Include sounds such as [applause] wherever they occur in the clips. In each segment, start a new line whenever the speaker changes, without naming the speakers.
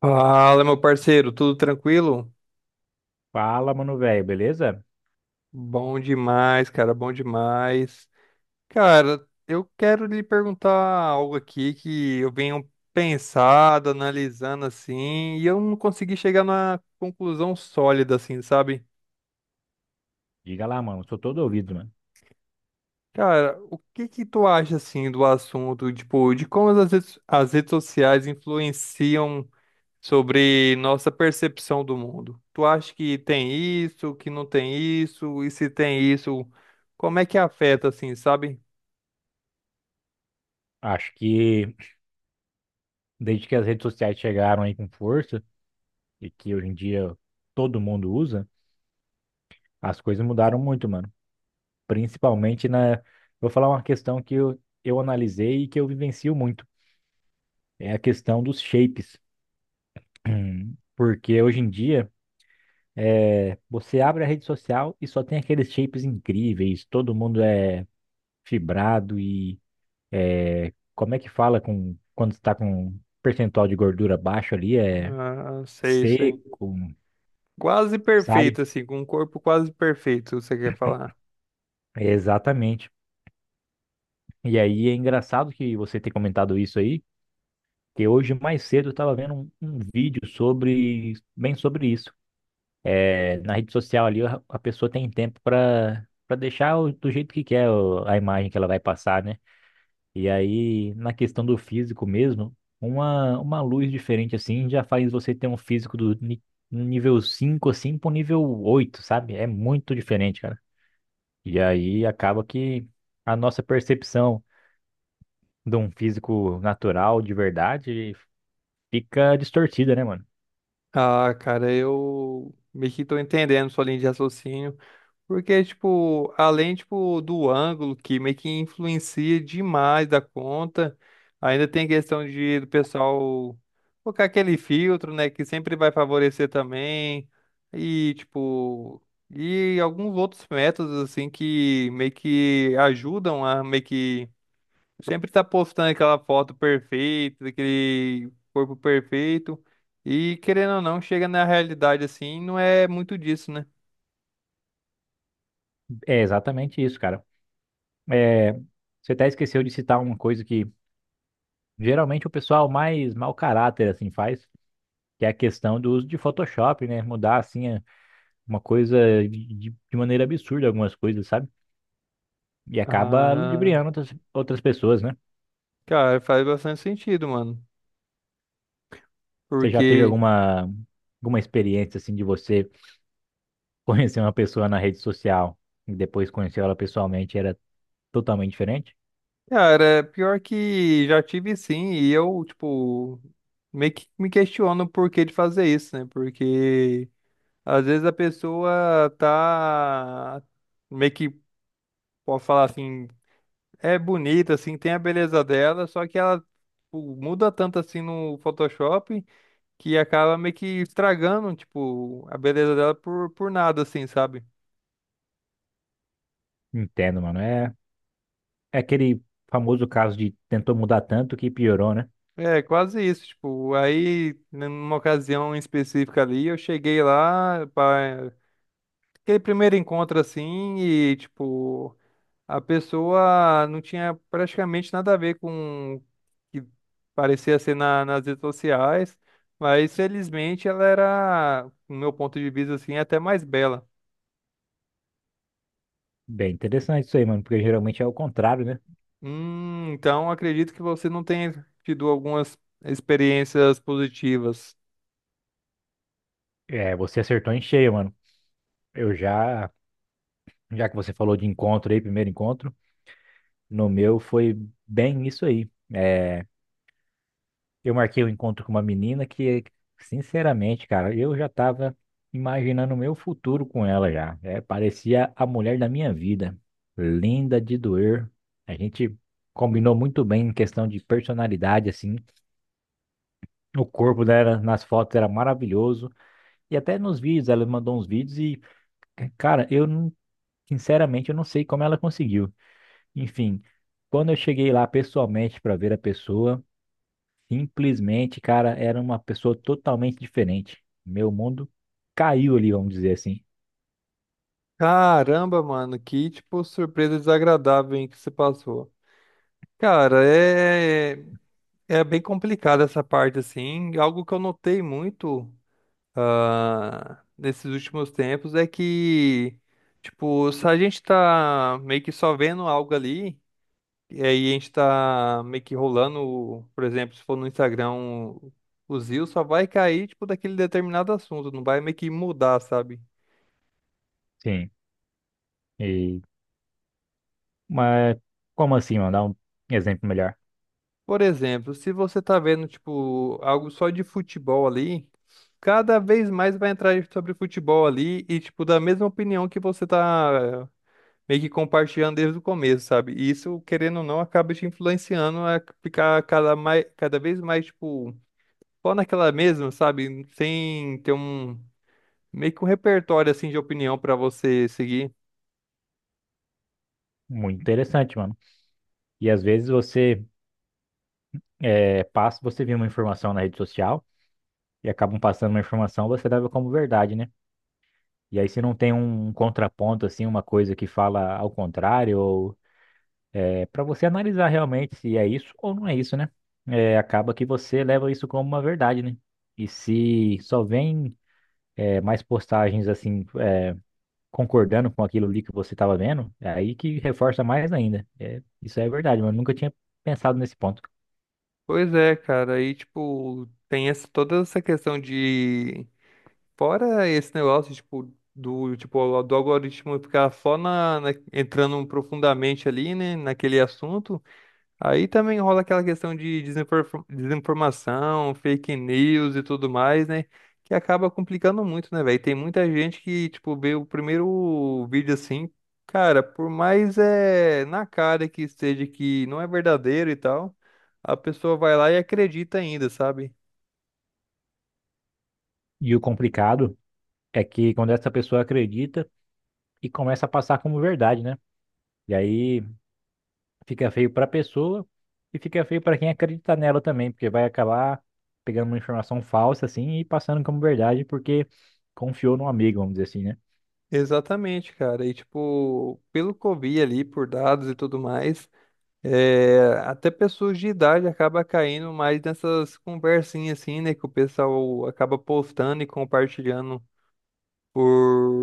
Fala, meu parceiro, tudo tranquilo?
Fala, mano, velho, beleza?
Bom demais. Cara, eu quero lhe perguntar algo aqui que eu venho pensado, analisando assim, e eu não consegui chegar na conclusão sólida, assim, sabe?
Diga lá, mano, sou todo ouvido, mano.
Cara, o que que tu acha, assim, do assunto, tipo, de como as redes sociais influenciam sobre nossa percepção do mundo. Tu acha que tem isso, que não tem isso, e se tem isso, como é que afeta, assim, sabe?
Acho que desde que as redes sociais chegaram aí com força e que hoje em dia todo mundo usa, as coisas mudaram muito, mano. Principalmente na. Vou falar uma questão que eu analisei e que eu vivencio muito. É a questão dos shapes. [clears throat] Porque hoje em dia, você abre a rede social e só tem aqueles shapes incríveis, todo mundo é fibrado. Como é que fala com quando está com um percentual de gordura baixo ali? É
Ah, sei, sei.
seco,
Quase
sabe?
perfeito, assim, com um corpo quase perfeito, você quer falar?
É exatamente. E aí é engraçado que você ter comentado isso aí, que hoje mais cedo eu estava vendo um vídeo sobre bem sobre isso. É, na rede social ali a pessoa tem tempo para deixar do jeito que quer a imagem que ela vai passar, né? E aí, na questão do físico mesmo, uma luz diferente assim já faz você ter um físico um nível 5 assim pro nível oito, sabe? É muito diferente, cara. E aí acaba que a nossa percepção de um físico natural de verdade fica distorcida, né, mano?
Ah, cara, eu meio que tô entendendo sua linha de raciocínio. Porque, tipo, além, tipo, do ângulo que meio que influencia demais da conta, ainda tem questão de do pessoal colocar aquele filtro, né, que sempre vai favorecer também, e, tipo, e alguns outros métodos, assim, que meio que ajudam a meio que sempre tá postando aquela foto perfeita, aquele corpo perfeito, e querendo ou não, chega na realidade, assim, não é muito disso, né?
É exatamente isso, cara. É, você até esqueceu de citar uma coisa que geralmente o pessoal mais mau caráter assim faz, que é a questão do uso de Photoshop, né? Mudar assim uma coisa de maneira absurda, algumas coisas, sabe? E acaba
Ah.
ludibriando outras pessoas, né?
Cara, faz bastante sentido, mano.
Você já teve
Porque,
alguma experiência, assim, de você [laughs] conhecer uma pessoa na rede social e depois conhecer ela pessoalmente e era totalmente diferente?
cara, é pior que já tive sim, e eu, tipo, meio que me questiono o porquê de fazer isso, né? Porque às vezes a pessoa tá meio que pode falar assim, é bonita, assim, tem a beleza dela, só que ela tipo, muda tanto assim no Photoshop que acaba meio que estragando, tipo, a beleza dela por nada, assim, sabe?
Entendo, mano. É, é aquele famoso caso de tentou mudar tanto que piorou, né?
É, quase isso, tipo, aí numa ocasião específica ali, eu cheguei lá para aquele primeiro encontro assim e tipo, a pessoa não tinha praticamente nada a ver com o que parecia ser nas redes sociais, mas felizmente ela era, no meu ponto de vista assim, até mais bela.
Bem interessante isso aí, mano, porque geralmente é o contrário, né?
Então acredito que você não tenha tido algumas experiências positivas.
É, você acertou em cheio, mano. Eu já, já que você falou de encontro aí, primeiro encontro, no meu foi bem isso aí. É, eu marquei um encontro com uma menina que, sinceramente, cara, eu já tava imaginando o meu futuro com ela já. É, parecia a mulher da minha vida. Linda de doer. A gente combinou muito bem em questão de personalidade, assim. O corpo dela nas fotos era maravilhoso. E até nos vídeos, ela mandou uns vídeos e, cara, eu não, sinceramente, eu não sei como ela conseguiu. Enfim, quando eu cheguei lá pessoalmente para ver a pessoa. Simplesmente, cara, era uma pessoa totalmente diferente. Meu mundo caiu ali, vamos dizer assim.
Caramba, mano, que tipo surpresa desagradável hein, que você passou. Cara, é bem complicada essa parte assim. Algo que eu notei muito nesses últimos tempos é que tipo, se a gente tá meio que só vendo algo ali, e aí a gente tá meio que rolando, por exemplo, se for no Instagram, o Zio só vai cair tipo daquele determinado assunto, não vai meio que mudar, sabe?
Sim. E, mas como assim, mano? Dá um exemplo melhor.
Por exemplo, se você tá vendo, tipo, algo só de futebol ali, cada vez mais vai entrar sobre futebol ali e, tipo, da mesma opinião que você tá meio que compartilhando desde o começo, sabe? E isso, querendo ou não, acaba te influenciando a ficar cada, mais, cada vez mais, tipo, só naquela mesma, sabe? Sem ter um, meio que um repertório, assim, de opinião pra você seguir.
Muito interessante, mano. E às vezes você passa, você vê uma informação na rede social e acabam passando uma informação, você leva como verdade, né? E aí se não tem um contraponto, assim, uma coisa que fala ao contrário, ou é para você analisar realmente se é isso ou não é isso, né? É, acaba que você leva isso como uma verdade, né? E se só vem mais postagens assim, concordando com aquilo ali que você estava vendo, é aí que reforça mais ainda. É, isso é verdade, mas eu nunca tinha pensado nesse ponto.
Pois é, cara, aí, tipo, tem essa, toda essa questão de fora esse negócio, tipo, do algoritmo ficar só entrando profundamente ali, né, naquele assunto, aí também rola aquela questão de desinformação, fake news e tudo mais, né, que acaba complicando muito, né, velho? Tem muita gente que, tipo, vê o primeiro vídeo assim, cara, por mais é na cara que esteja que não é verdadeiro e tal, a pessoa vai lá e acredita ainda, sabe?
E o complicado é que quando essa pessoa acredita e começa a passar como verdade, né? E aí fica feio para a pessoa e fica feio para quem acredita nela também, porque vai acabar pegando uma informação falsa assim e passando como verdade porque confiou num amigo, vamos dizer assim, né?
Exatamente, cara. E tipo, pelo que eu vi ali por dados e tudo mais, é, até pessoas de idade acaba caindo mais nessas conversinhas assim, né, que o pessoal acaba postando e compartilhando por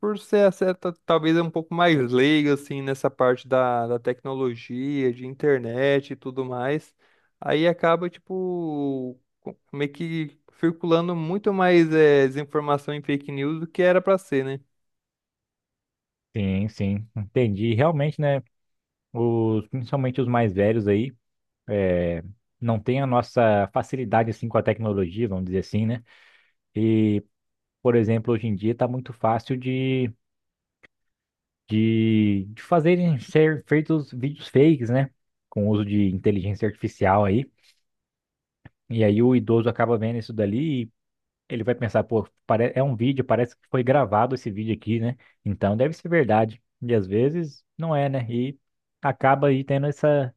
por ser essa, talvez um pouco mais leigo assim nessa parte da tecnologia, de internet e tudo mais. Aí acaba tipo meio que circulando muito mais é, desinformação em fake news do que era pra ser, né?
Sim, sim, entendi. Realmente, né, os, principalmente os mais velhos aí, é, não tem a nossa facilidade assim com a tecnologia, vamos dizer assim, né? E, por exemplo, hoje em dia tá muito fácil de fazerem ser feitos vídeos fakes, né? Com o uso de inteligência artificial aí. E aí o idoso acaba vendo isso dali e ele vai pensar, pô, é um vídeo, parece que foi gravado esse vídeo aqui, né? Então deve ser verdade. E às vezes não é, né? E acaba aí tendo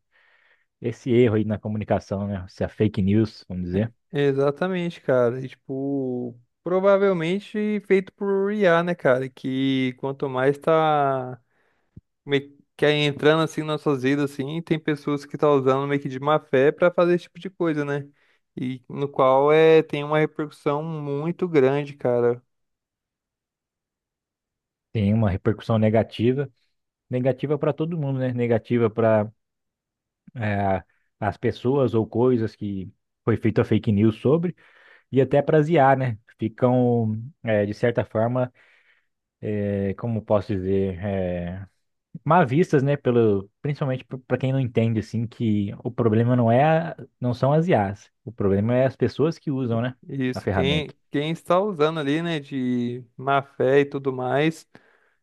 esse erro aí na comunicação, né? Essa fake news, vamos dizer.
Exatamente, cara. E, tipo, provavelmente feito por IA, né, cara? Que quanto mais tá meio que aí entrando assim nas nossas vidas, assim, tem pessoas que tá usando meio que de má fé pra fazer esse tipo de coisa, né? E no qual é tem uma repercussão muito grande, cara.
Tem uma repercussão negativa. Negativa para todo mundo, né? Negativa para as pessoas ou coisas que foi feita fake news sobre e até para as IA, né? Ficam, de certa forma, como posso dizer. Mal vistas, né, pelo, principalmente para quem não entende assim que o problema não são as IAs, o problema é as pessoas que usam, né, a
Isso,
ferramenta.
quem está usando ali, né, de má fé e tudo mais,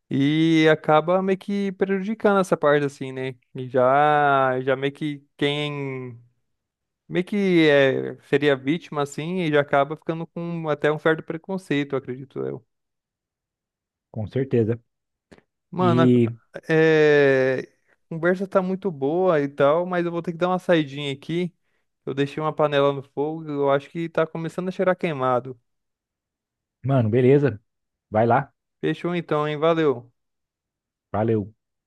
e acaba meio que prejudicando essa parte assim, né? E já meio que quem meio que é, seria vítima assim e já acaba ficando com até um certo preconceito, acredito eu.
Com certeza.
Mano,
E,
é, a conversa tá muito boa e tal, mas eu vou ter que dar uma saidinha aqui. Eu deixei uma panela no fogo, eu acho que tá começando a cheirar queimado.
mano, beleza, vai lá.
Fechou então, hein? Valeu.
Valeu.